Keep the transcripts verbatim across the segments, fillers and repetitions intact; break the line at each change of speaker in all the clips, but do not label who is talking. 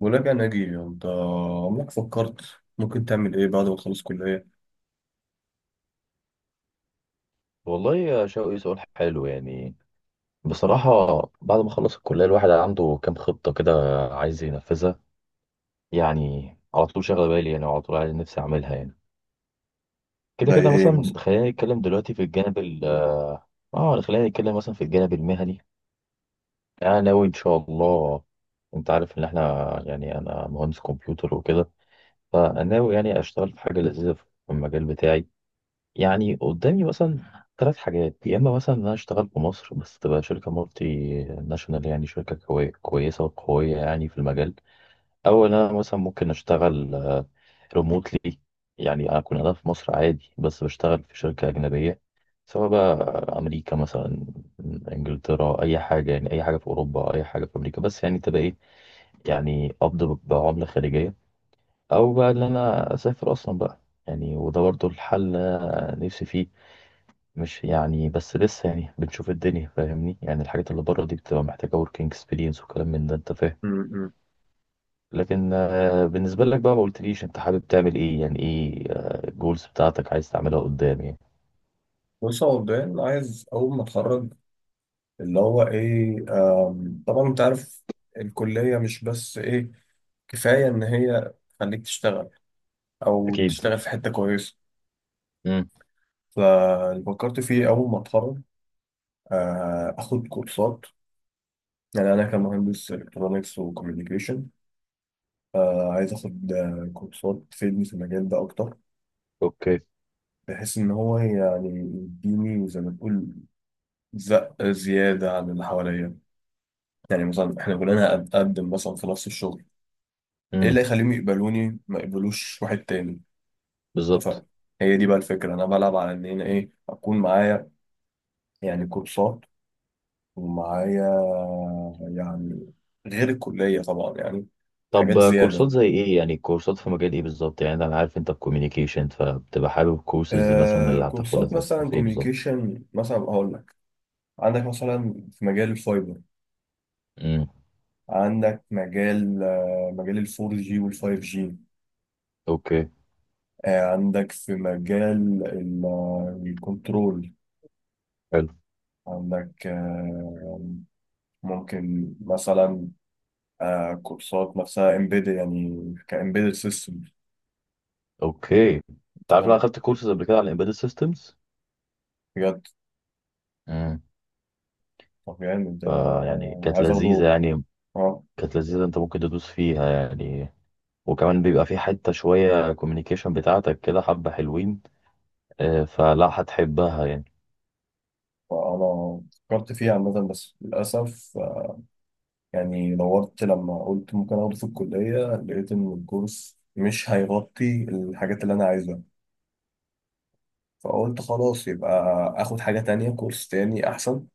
وراجع ناجي انت. عمرك فكرت ممكن تعمل ايه بعد ما تخلص كلية؟
والله يا شوقي، سؤال حلو يعني. بصراحة، بعد ما خلص الكلية الواحد عنده كام خطة كده عايز ينفذها. يعني على طول شاغلة بالي يعني، وعلى طول عايز نفسي أعملها يعني. كده
زي
كده
ايه
مثلا
مثلا؟
خلينا نتكلم دلوقتي في الجانب ال اه خلينا نتكلم مثلا في الجانب المهني. أنا ناوي إن شاء الله. أنت عارف إن إحنا يعني أنا مهندس كمبيوتر وكده. فناوي يعني أشتغل في حاجة لذيذة في المجال بتاعي. يعني قدامي مثلا ثلاث حاجات، يا اما مثلا ان انا اشتغل في مصر بس تبقى شركه مالتي ناشونال، يعني شركه كوي- كويسه وقويه يعني في المجال. او ان انا مثلا ممكن اشتغل ريموتلي، يعني اكون انا في مصر عادي بس بشتغل في شركه اجنبيه، سواء بقى امريكا مثلا، انجلترا، اي حاجه، يعني اي حاجه في اوروبا، اي حاجه في امريكا. بس يعني تبقى ايه، يعني قبض ب- بعمله خليجيه. او بقى ان انا اسافر اصلا بقى. يعني وده برضو الحل نفسي فيه. مش يعني بس لسه يعني بنشوف الدنيا، فاهمني؟ يعني الحاجات اللي بره دي بتبقى محتاجة working experience وكلام من ده، انت فاهم.
امم.
لكن آه، بالنسبة لك بقى، ما قلتليش انت حابب تعمل ايه، يعني ايه الجولز بتاعتك عايز تعملها قدام يعني.
بص، هو مبدئيا عايز اول ما اتخرج، اللي هو ايه، آم، طبعا انت عارف الكلية مش بس ايه كفاية ان هي تخليك تشتغل او
اكيد.
تشتغل في حتة كويسة.
امم.
فاللي فكرت فيه اول ما اتخرج آه، اخد كورسات. يعني انا كمهندس الكترونكس وكوميونيكيشن عايز اخد آه، كورسات تفيدني في المجال ده اكتر،
اوكي.
بحيث إن هو يعني يديني زي ما تقول زق زيادة عن اللي حواليا. يعني مثلا إحنا كلنا هنقدم مثلا في نفس الشغل، إيه اللي
امم.
يخليهم يقبلوني ما يقبلوش واحد تاني؟ اتفقنا.
بالظبط.
هي دي بقى الفكرة، أنا بلعب على إن أنا إيه أكون معايا يعني كورسات، ومعايا يعني غير الكلية طبعا يعني
طب
حاجات
آه، كورسات
زيادة.
زي ايه يعني؟ كورسات في مجال ايه بالظبط؟ يعني انا عارف انت في communication، فبتبقى حابب كورسز مثلا
آه
اللي هتاخدها
كورسات
تبقى
مثلا
في ايه بالظبط.
كوميونيكيشن، مثلا هقول لك. عندك مثلا في مجال الفايبر،
امم.
عندك مجال آه، مجال الفور جي والفايف جي،
اوكي.
عندك في مجال ال- آه، الكنترول،
حلو.
عندك آه، ممكن مثلا آه، كورسات نفسها امبيد يعني كامبيدد سيستم.
اوكي، انت
انت
عارف انا
فاهم؟
اخدت كورسز قبل كده على embedded systems،
بجد؟ طب يعني ده
فيعني كانت
عايز اخده.
لذيذة يعني.
اه.
كانت لذيذة، انت ممكن تدوس فيها يعني، وكمان بيبقى في حتة شوية كوميونيكيشن بتاعتك كده حبة حلوين، آه، فلا هتحبها يعني.
فانا فكرت فيه عامة بس للأسف، آه، يعني دورت لما قلت ممكن اخده في الكلية لقيت ان الكورس مش هيغطي الحاجات اللي انا عايزها. فقلت خلاص يبقى اخد حاجة تانية كورس تاني احسن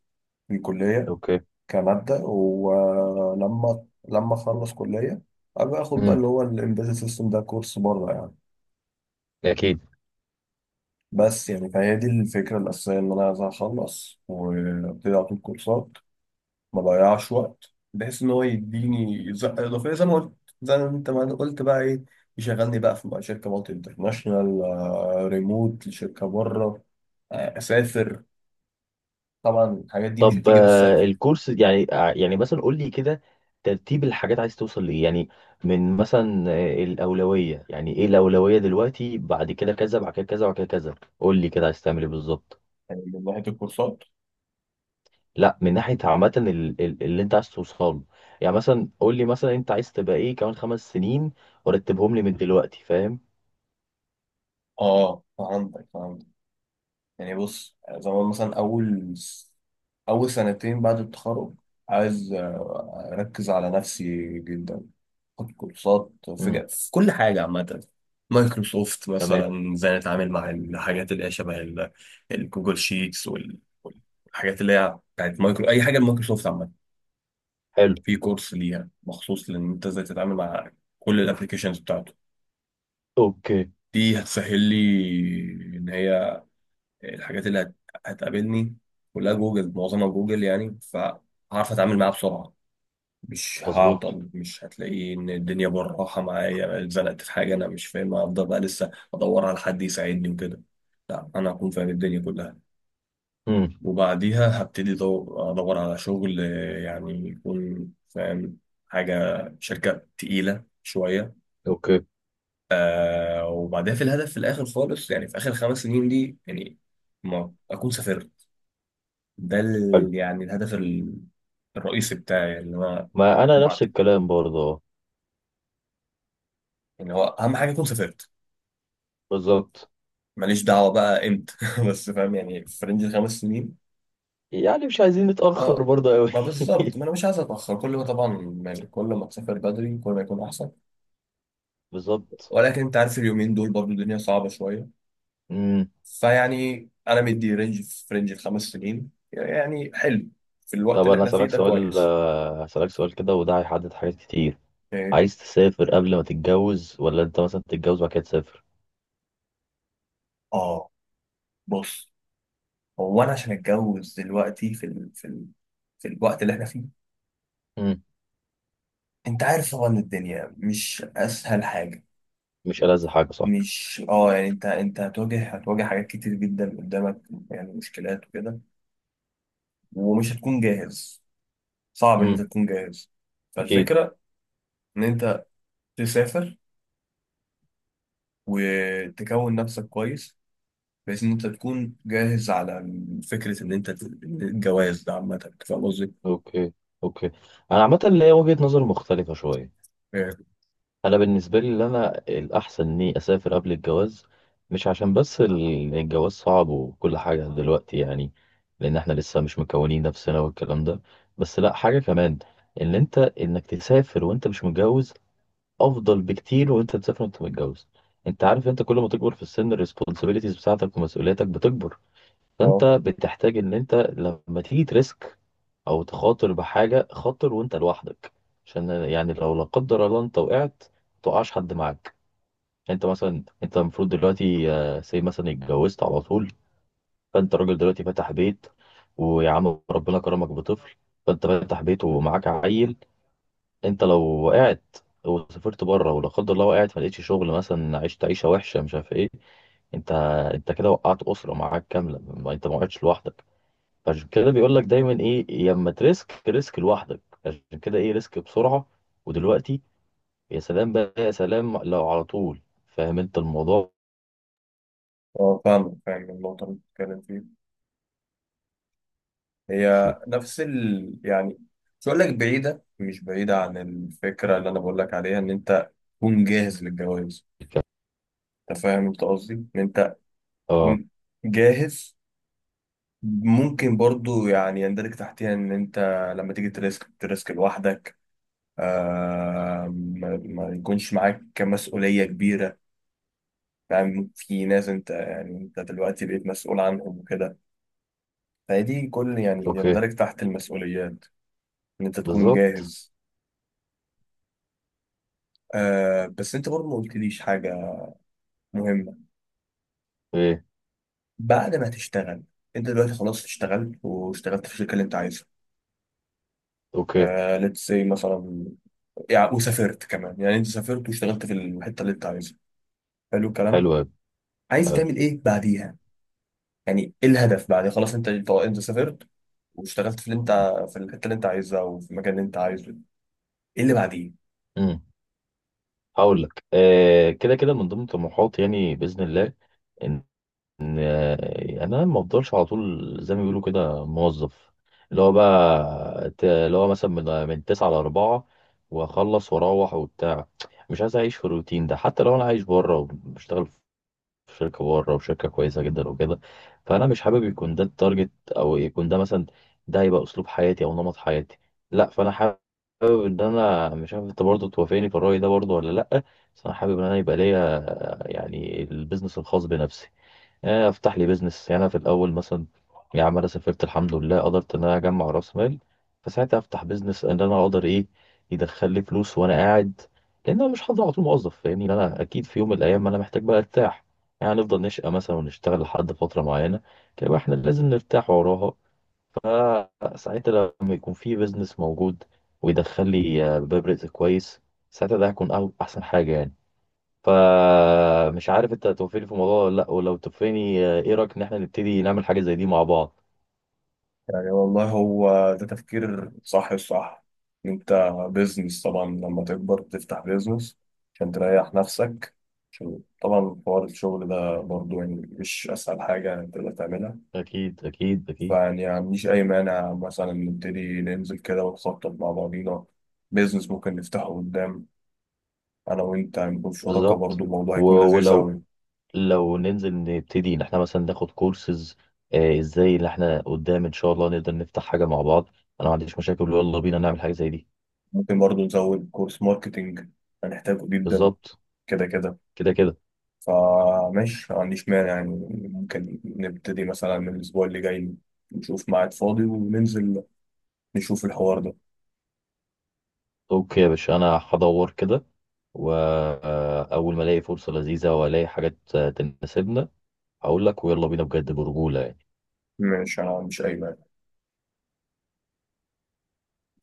في الكلية
اوكي.
كمادة، ولما لما اخلص كلية ابقى اخد بقى
امم.
اللي هو الامبيدد سيستم ده كورس بره يعني.
اكيد.
بس يعني فهي دي الفكرة الأساسية إن أنا عايز أخلص وأبتدي على طول كورسات ما أضيعش وقت، بحيث إن هو يديني زقة إضافية زي ما قلت، زي ما أنت ما قلت بقى إيه، يشغلني بقى في بقى شركة مالتي انترناشونال، آه، ريموت لشركة بره، آه، أسافر. طبعا الحاجات دي مش
طب
هتيجي بالسهل.
آه، الكورس يعني آه، يعني مثلا قول لي كده، ترتيب الحاجات عايز توصل لإيه يعني؟ من مثلا آه، الأولوية، يعني إيه الأولوية دلوقتي؟ بعد كده كذا، بعد كده كذا، بعد كده كذا. قول لي كده عايز تعمل إيه بالظبط.
يعني من ناحية الكورسات.
لا، من ناحيه عامه ال- ال- اللي انت عايز توصله، يعني مثلا قول لي، مثلا انت عايز تبقى ايه كمان خمس سنين؟ ورتبهم لي من دلوقتي فاهم.
اه فهمتك فهمتك. يعني بص، زمان مثلا أول أول سنتين بعد التخرج عايز آه، أركز على نفسي جدا، أخد كورسات في
امم.
ج- في كل حاجة عامة. مايكروسوفت
تمام.
مثلا ازاي نتعامل مع الحاجات اللي هي شبه ال- الجوجل شيتس وال- والحاجات اللي هي بتاعت مايكرو، أي حاجة مايكروسوفت عامة،
حلو.
في كورس ليها مخصوص لأن أنت ازاي تتعامل مع كل الابلكيشنز بتاعته.
اوكي.
دي هتسهل لي إن هي الحاجات اللي هت- هتقابلني كلها جوجل معظمها جوجل، يعني فهعرف اتعامل معاها بسرعه، مش
مظبوط.
هعطل، مش هتلاقي ان الدنيا بالراحه معايا اتزنقت في حاجه انا مش فاهمها افضل بقى لسه ادور على حد يساعدني وكده. لا، انا هكون فاهم الدنيا كلها.
امم.
وبعديها هبتدي دو- ادور على شغل، آه، يعني يكون فاهم حاجه، شركه تقيله شويه.
اوكي.
آه، وبعدها في الهدف في الاخر خالص، يعني في اخر خمس سنين دي، يعني ما اكون سافرت. ده ال...
حلو.
يعني الهدف ال- الرئيسي بتاعي اللي هو
ما انا
بعد،
نفس الكلام برضه، اه،
يعني هو اهم حاجه اكون سافرت.
بالظبط.
ماليش دعوه بقى امتى بس فاهم، يعني في رينج الخمس سنين.
يعني مش عايزين نتاخر
اه،
برضه قوي.
ما بالظبط، ما انا مش عايز اتاخر. كل ما طبعا مال- كل ما تسافر بدري كل ما يكون احسن.
بالظبط.
ولكن انت عارف اليومين دول برضو الدنيا صعبه شويه.
امم.
فيعني انا مدي رينج، في رينج الخمس سنين يعني حلو، في الوقت
طب
اللي
انا
احنا فيه
هسالك
ده
سؤال
كويس.
آه، هسالك سؤال كده، وده هيحدد حاجات كتير.
إيه.
عايز تسافر قبل ما تتجوز، ولا انت مثلا تتجوز وبعد كده تسافر؟
اه بص، هو انا عشان اتجوز دلوقتي في ال... في ال... في الوقت اللي احنا فيه،
امم.
انت عارف طبعا الدنيا مش اسهل حاجه.
مش ألذ حاجه، صح.
مش اه يعني انت انت هتواجه هتواجه حاجات كتير جدا قدامك، يعني مشكلات وكده، ومش هتكون جاهز، صعب ان انت
امم.
تكون جاهز.
اكيد.
فالفكره ان انت تسافر وتكون نفسك كويس، بحيث ان انت تكون جاهز على فكره ان انت ت- الجواز ده عامه. فاهم قصدي؟
اوكي. اوكي، انا عامه ليا وجهه نظر مختلفه شويه. انا بالنسبه لي، اللي انا الاحسن اني اسافر قبل الجواز. مش عشان بس ال- الجواز صعب وكل حاجه دلوقتي يعني، لان احنا لسه مش مكونين نفسنا والكلام ده. بس لا، حاجه كمان، ان انت انك تسافر وانت مش متجوز افضل بكتير وانت تسافر وانت متجوز. انت عارف، انت كل ما تكبر في السن الريسبونسابيلتيز بتاعتك ومسؤولياتك بتكبر. فانت
اه،
بتحتاج ان انت لما تيجي تريسك او تخاطر بحاجه، خاطر وانت لوحدك. عشان يعني لو لا قدر الله انت وقعت، متوقعش حد معاك. يعني انت مثلا، انت المفروض دلوقتي آه، سي مثلا اتجوزت على طول، فانت راجل دلوقتي فاتح بيت، ويا عم ربنا كرمك بطفل، فانت فاتح بيت ومعاك عيل. انت لو وقعت وسافرت بره ولا قدر الله وقعت، ما لقيتش شغل مثلا، عشت عيشه وحشه، مش عارف ايه. انت انت كده وقعت اسره معاك كامله، ما انت ما وقعتش لوحدك. عشان كده بيقول لك دايما ايه؟ يا اما تريسك، ريسك لوحدك، عشان كده ايه، ريسك بسرعه ودلوقتي. يا سلام بقى، يا سلام لو على طول، فاهم انت الموضوع.
اه فاهم، فاهم النقطه اللي بتتكلم فيها،
في
هي نفس ال يعني، مش هقول لك بعيدة، مش بعيدة عن الفكرة اللي أنا بقول لك عليها إن أنت تكون جاهز للجواز.
الك-
أنت فاهم أنت قصدي؟ إن أنت
اه
تكون جاهز، ممكن برضو يعني يندرج تحتها إن أنت لما تيجي تريسك تريسك لوحدك، آه ما, ما يكونش معاك مسؤولية كبيرة. يعني في ناس أنت يعني أنت دلوقتي بقيت مسؤول عنهم وكده، فدي كل يعني
اوكي.
يندرج تحت المسؤوليات إن أنت تكون
بالظبط.
جاهز. آه بس انت برضه ما قلتليش حاجة مهمة.
ايه.
بعد ما تشتغل انت دلوقتي خلاص اشتغلت واشتغلت في الشركة اللي انت عايزها،
اوكي.
آه ليتس سي مثلا، يعني وسافرت كمان، يعني انت سافرت واشتغلت في الحتة اللي انت عايزها. حلو الكلام.
حلو أوي.
عايز
حلو.
تعمل ايه بعديها؟ يعني ايه الهدف بعد خلاص انت انت سافرت واشتغلت في اللي انت في الحتة اللي انت عايزها وفي المكان اللي انت عايزه؟ ايه اللي بعديه؟
امم. هقول لك آه كده كده من ضمن طموحاتي يعني باذن الله، ان آه، انا ما افضلش على طول زي ما بيقولوا كده موظف، اللي هو بقى ت- اللي هو مثلا من من تسعة ل اربعة واخلص واروح وبتاع. مش عايز اعيش في الروتين ده حتى لو انا عايش بره وبشتغل في شركه بره وشركه كويسه جدا وكده. فانا مش حابب يكون ده التارجت، او يكون ده مثلا، ده هيبقى اسلوب حياتي او نمط حياتي. لا، فانا حابب ان انا، مش عارف انت برضه توافقني في الراي ده برضه ولا لا، بس انا حابب ان انا يبقى ليا يعني البيزنس الخاص بنفسي. آه، افتح لي بيزنس، يعني انا في الاول مثلا، يا عم انا سافرت الحمد لله، قدرت ان انا اجمع راس مال، فساعتها افتح بيزنس ان انا اقدر ايه، يدخل لي فلوس وانا قاعد. لان انا مش هفضل على طول موظف، فاهمني، لأن انا اكيد في يوم من الايام انا محتاج بقى ارتاح. يعني نفضل نشقى مثلا ونشتغل لحد فتره معينه، كده احنا لازم نرتاح وراها. فساعتها لما يكون في بيزنس موجود، ويدخل لي آه، باب رزق كويس، ساعتها ده هيكون أو- احسن حاجه يعني. فمش عارف انت هتوافقني في الموضوع ولا لا، ولو توافقني آه، ايه رايك ان احنا نبتدي نعمل حاجه زي دي مع بعض.
يعني والله هو ده تفكير صح الصح. انت بيزنس طبعا لما تكبر تفتح بيزنس عشان تريح نفسك، عشان طبعا حوار الشغل ده برضو يعني مش اسهل حاجة تقدر تعملها.
اكيد اكيد اكيد.
فيعني ما عنديش اي مانع، مثلا نبتدي ننزل كده ونخطط مع بعضينا بيزنس ممكن نفتحه قدام، انا وانت هنكون شركاء
بالظبط.
برضو، الموضوع
و-
هيكون لذيذ
ولو
اوي.
لو ننزل نبتدي ان احنا مثلا ناخد كورسز، آه ازاي ان احنا قدام ان شاء الله نقدر نفتح حاجه مع بعض. انا ما عنديش مشاكل، يلا بينا نعمل حاجه زي دي.
ممكن برضو نزود كورس ماركتينج هنحتاجه جدا
بالظبط.
كده كده.
كده كده.
فماشي ما عنديش مانع يعني. ممكن نبتدي مثلا من الأسبوع اللي جاي نشوف ميعاد فاضي وننزل نشوف الحوار ده.
اوكي يا باشا، انا هدور كده، واول ما الاقي فرصه لذيذه والاقي حاجات آه، تناسبنا، هقول لك ويلا بينا بجد برجوله يعني.
ماشي، أنا مش أي مانع.